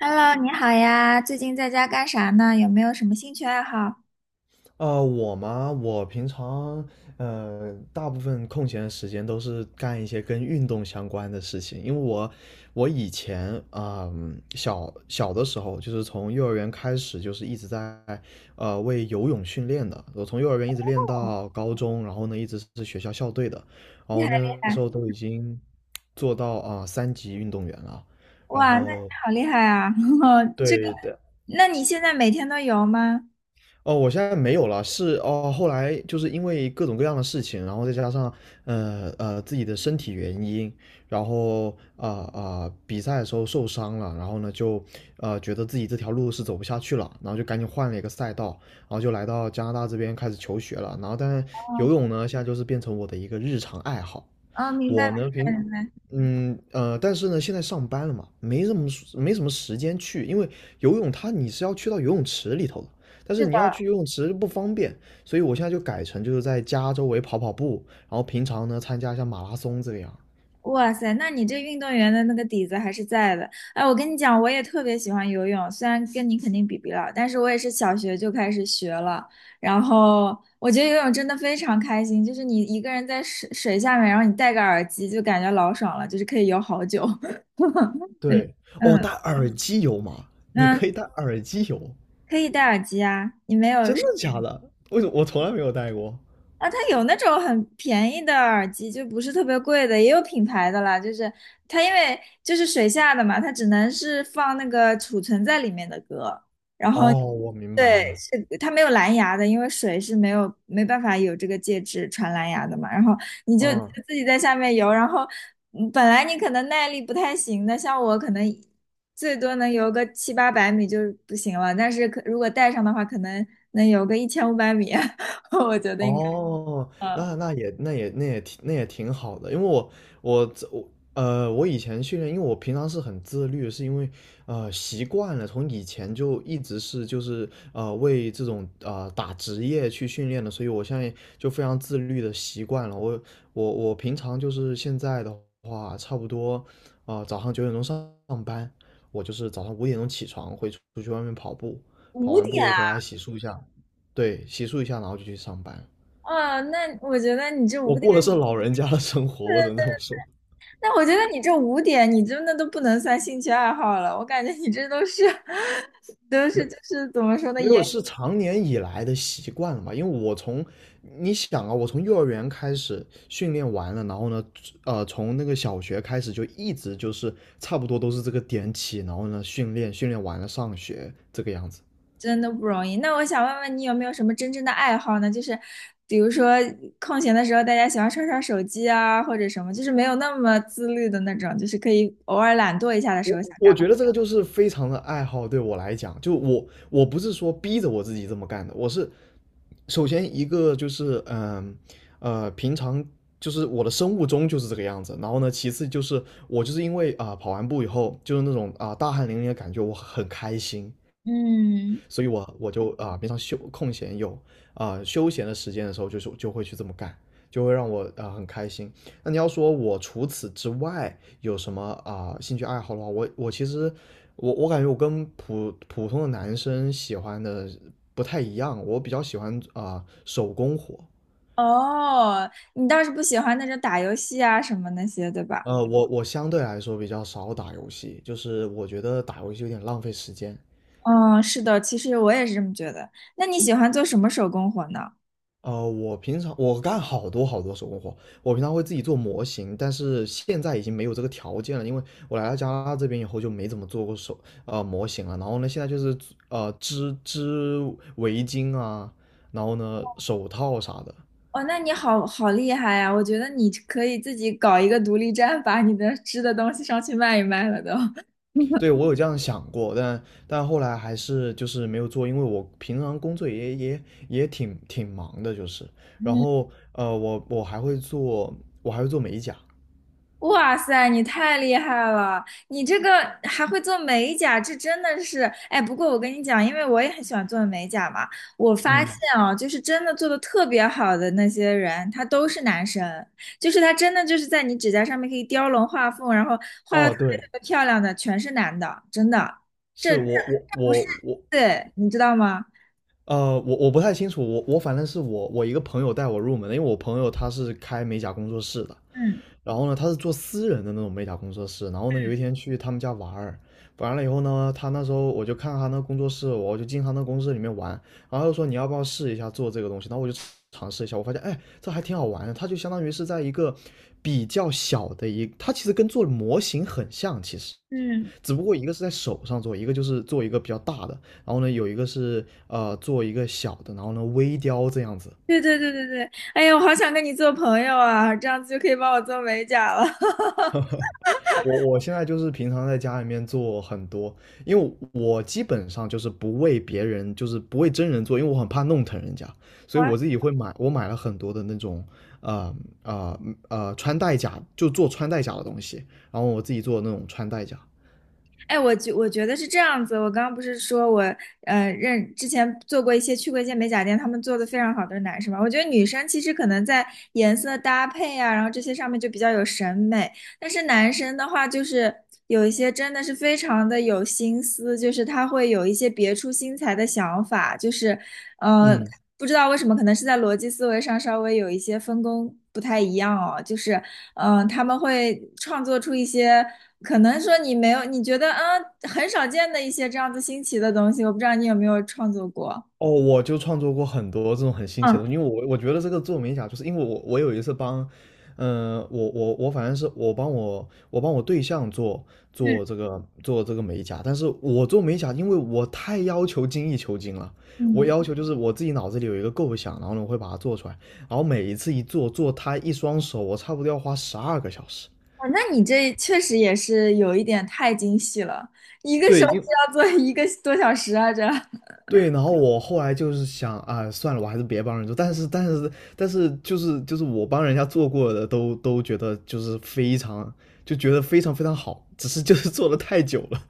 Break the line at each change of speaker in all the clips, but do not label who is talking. Hello，你好呀，最近在家干啥呢？有没有什么兴趣爱好？
我嘛，我平常大部分空闲的时间都是干一些跟运动相关的事情，因为我以前小小的时候，就是从幼儿园开始，就是一直在为游泳训练的。我从幼儿园一直练
哦，
到高中，然后呢一直是学校校队的，然
厉
后
害
那
厉
个时
害。
候都已经做到3级运动员了。然
哇，那你
后
好厉害啊！这个，
对，的。
那你现在每天都游吗？
哦，我现在没有了，是哦，后来就是因为各种各样的事情，然后再加上自己的身体原因，然后比赛的时候受伤了，然后呢就觉得自己这条路是走不下去了，然后就赶紧换了一个赛道，然后就来到加拿大这边开始求学了，然后但是游
哦。
泳呢现在就是变成我的一个日常爱好。
哦，明白
我呢
明
平，
白明白。
嗯呃，但是呢，现在上班了嘛，没什么时间去，因为游泳它你是要去到游泳池里头的，但是你要去游泳池不方便，所以我现在就改成就是在家周围跑跑步，然后平常呢参加一下马拉松这样。
哇塞，那你这运动员的那个底子还是在的。哎，我跟你讲，我也特别喜欢游泳，虽然跟你肯定比不了，但是我也是小学就开始学了。然后我觉得游泳真的非常开心，就是你一个人在水下面，然后你戴个耳机，就感觉老爽了，就是可以游好久。嗯
对，哦，
嗯，
戴耳机游嘛，你
嗯，
可以戴耳机游，
可以戴耳机啊，你没有
真的假的？为什么我从来没有戴过？
啊？它有那种很便宜的耳机，就不是特别贵的，也有品牌的啦。就是它因为就是水下的嘛，它只能是放那个储存在里面的歌。
哦，我明白
对，
了。
是它没有蓝牙的，因为水是没有没办法有这个介质传蓝牙的嘛。然后你就你
嗯。
就自己在下面游，然后本来你可能耐力不太行的，像我可能最多能游个七八百米就不行了，但是可如果带上的话，可能能游个1500米，我觉得应该。
哦，
嗯，
那也挺好的，因为我我这我呃我以前训练，因为我平常是很自律，是因为习惯了，从以前就一直是为这种打职业去训练的，所以我现在就非常自律的习惯了。我平常就是现在的话，差不多早上9点钟上班，我就是早上5点钟起床，会出去外面跑步，跑
五
完
点
步
啊？
回来洗漱一下，对，洗漱一下，然后就去上班。
哦，那我觉得你这
我
五点，
过的是老人家的生活，我只能这么说。
那我觉得你这五点，你真的都不能算兴趣爱好了，我感觉你这都是 都
没
是就是怎么说呢，
没
也。
有是常年以来的习惯了吧？因为你想啊，我从幼儿园开始训练完了，然后呢，从那个小学开始就一直就是差不多都是这个点起，然后呢训练完了上学这个样子。
真的不容易。那我想问问你有没有什么真正的爱好呢？就是比如说空闲的时候，大家喜欢刷刷手机啊，或者什么，就是没有那么自律的那种，就是可以偶尔懒惰一下的时候想
我
干嘛。
觉得这个就是非常的爱好，对我来讲，就我不是说逼着我自己这么干的，我是首先一个就是平常就是我的生物钟就是这个样子，然后呢，其次就是我就是因为跑完步以后就是那种大汗淋漓的感觉，我很开心，
嗯。
所以我就平常空闲有休闲的时间的时候，就是就会去这么干，就会让我很开心。那你要说我除此之外有什么兴趣爱好的话，我其实我感觉我跟普通的男生喜欢的不太一样，我比较喜欢手工活。
哦，你倒是不喜欢那种打游戏啊什么那些，对吧？
我相对来说比较少打游戏，就是我觉得打游戏有点浪费时间。
嗯，是的，其实我也是这么觉得。那你喜欢做什么手工活呢？
我平常我干好多好多手工活，我平常会自己做模型，但是现在已经没有这个条件了，因为我来到加拿大这边以后就没怎么做过模型了。然后呢，现在就是织围巾啊，然后呢手套啥的。
哦，那你好好厉害呀！我觉得你可以自己搞一个独立站，把你的织的东西上去卖一卖了都。
对，我有这样想过，但后来还是就是没有做，因为我平常工作也挺忙的，就是。然 后我还会做美甲。
哇塞，你太厉害了！你这个还会做美甲，这真的是……哎，不过我跟你讲，因为我也很喜欢做美甲嘛，我发现
嗯，
啊，就是真的做的特别好的那些人，他都是男生，就是他真的就是在你指甲上面可以雕龙画凤，然后画的
哦，
特别特
对，
别漂亮的，全是男的，真的。这
是
这不是，对，你知道吗？
我不太清楚，我反正是我一个朋友带我入门的，因为我朋友他是开美甲工作室的，
嗯
然后呢他是做私人的那种美甲工作室，然后呢有一天去他们家玩儿，完了以后呢，他那时候我就看他那工作室，我就进他那工作室里面玩，然后又说你要不要试一下做这个东西，然后我就尝试一下，我发现哎这还挺好玩的，它就相当于是在一个比较小的它其实跟做模型很像，其实。
嗯，
只不过一个是在手上做，一个就是做一个比较大的，然后呢，有一个是做一个小的，然后呢微雕这样子。
对对对对对，哎呀，我好想跟你做朋友啊，这样子就可以帮我做美甲了。
我现在就是平常在家里面做很多，因为我基本上就是不为别人，就是不为真人做，因为我很怕弄疼人家，所以我自己会买，我买了很多的那种呃呃穿戴甲，就做穿戴甲的东西，然后我自己做那种穿戴甲。
哎，我觉得是这样子。我刚刚不是说我之前做过一些去过一些美甲店，他们做的非常好的男生嘛。我觉得女生其实可能在颜色搭配啊，然后这些上面就比较有审美。但是男生的话，就是有一些真的是非常的有心思，就是他会有一些别出心裁的想法，就是，呃，
嗯，
不知道为什么，可能是在逻辑思维上稍微有一些分工不太一样哦，就是，他们会创作出一些可能说你没有，你觉得很少见的一些这样子新奇的东西，我不知道你有没有创作过。
哦，我就创作过很多这种很新奇的东
嗯
西，因为我觉得这个做美甲，就是因为我有一次帮，我反正是我帮我对象
嗯
做这个美甲，但是我做美甲，因为我太要求精益求精了，我
嗯。
要求就是我自己脑子里有一个构想，然后呢我会把它做出来，然后每一次做它一双手，我差不多要花12个小时。
哦，那你这确实也是有一点太精细了，一个手
对，
指要做一个多小时啊，这。
对，然后我后来就是想啊，算了，我还是别帮人做。但是，就是我帮人家做过的都觉得就是非常，就觉得非常非常好，只是就是做的太久了。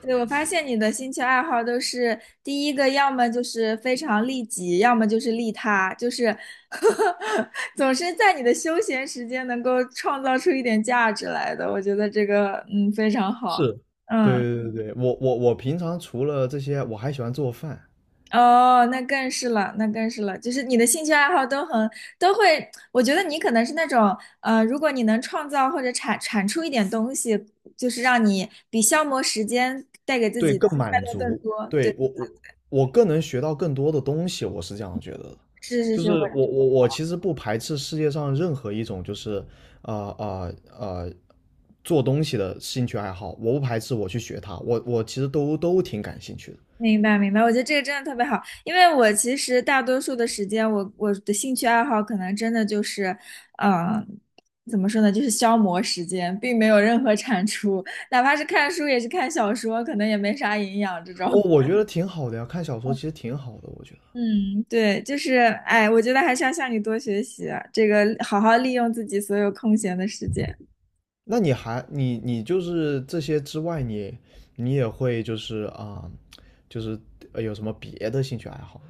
对，我发现你的兴趣爱好都是第一个，要么就是非常利己，要么就是利他，就是 总是在你的休闲时间能够创造出一点价值来的，我觉得这个非常好。
是，
嗯。
对对对对，我平常除了这些，我还喜欢做饭。
哦，那更是了，那更是了，就是你的兴趣爱好都会，我觉得你可能是那种，如果你能创造或者产出一点东西，就是让你比消磨时间带给自
对，
己的
更
快
满
乐更
足。
多。对，
对，我更能学到更多的东西，我是这样觉得的。
是是
就
是，我
是我其实不排斥世界上任何一种就是呃呃呃做东西的兴趣爱好，我不排斥我去学它，我其实都挺感兴趣的。
明白明白，我觉得这个真的特别好，因为我其实大多数的时间，我的兴趣爱好可能真的就是，嗯、怎么说呢，就是消磨时间，并没有任何产出，哪怕是看书也是看小说，可能也没啥营养这种。
哦，我觉得挺好的呀，看小说其实挺好的，我觉得。
嗯，对，就是，哎，我觉得还是要向你多学习啊，这个好好利用自己所有空闲的时间。
那你还你就是这些之外你也会就是就是有什么别的兴趣爱好吗？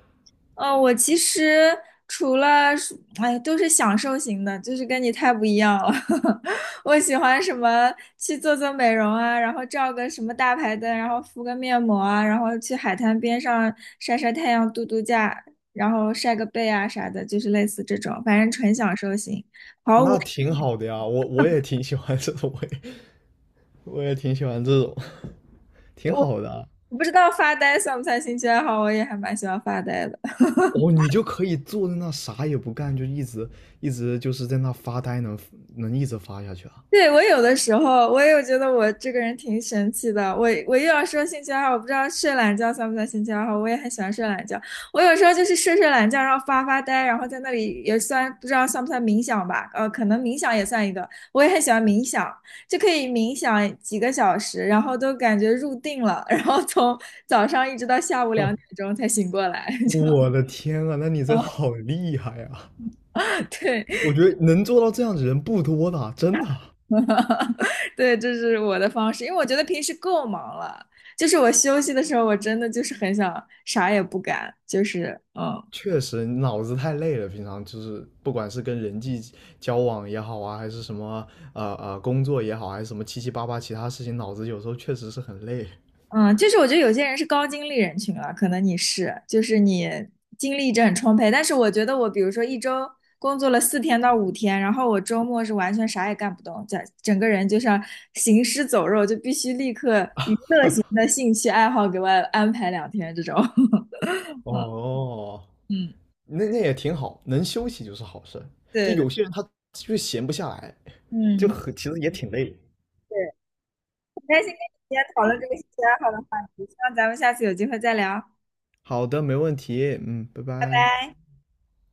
哦，我其实除了是，哎，都是享受型的，就是跟你太不一样了。我喜欢什么去做做美容啊，然后照个什么大排灯，然后敷个面膜啊，然后去海滩边上晒晒太阳、度度假，然后晒个背啊啥的，就是类似这种，反正纯享受型。
那挺好的呀，我也挺喜欢这种，我也挺喜欢这种，挺好的啊。
我不知道发呆算不算兴趣爱好，我也还蛮喜欢发呆的。
哦，你就可以坐在那啥也不干，就一直就是在那发呆能一直发下去啊！
对，我有的时候我也有觉得我这个人挺神奇的。我又要说兴趣爱好，我不知道睡懒觉算不算兴趣爱好。我也很喜欢睡懒觉。我有时候就是睡睡懒觉，然后发发呆，然后在那里也算不知道算不算冥想吧？可能冥想也算一个。我也很喜欢冥想，就可以冥想几个小时，然后都感觉入定了，然后从早上一直到下午两点 钟才醒过来，
我的天啊，那你这
就
好厉害啊！
对。
我觉得能做到这样的人不多的啊，真的啊。
对，这是我的方式，因为我觉得平时够忙了，就是我休息的时候，我真的就是很想啥也不干，就是
确实脑子太累了，平常就是不管是跟人际交往也好啊，还是什么工作也好，还是什么七七八八其他事情，脑子有时候确实是很累。
嗯，就是我觉得有些人是高精力人群了，可能你是，就是你精力一直很充沛，但是我觉得我比如说一周工作了4天到5天，然后我周末是完全啥也干不动，整个人就像行尸走肉，就必须立刻娱乐型的兴趣爱好给我安排2天这种，
哦，
嗯，
那那也挺好，能休息就是好事。这
对的，
有些人他就是闲不下来，就
嗯。
很，其实也挺累。
对。很开心跟你今天讨论这个兴趣爱好的话题，希望咱们下次有机会再聊。
好的，没问题。嗯，拜拜。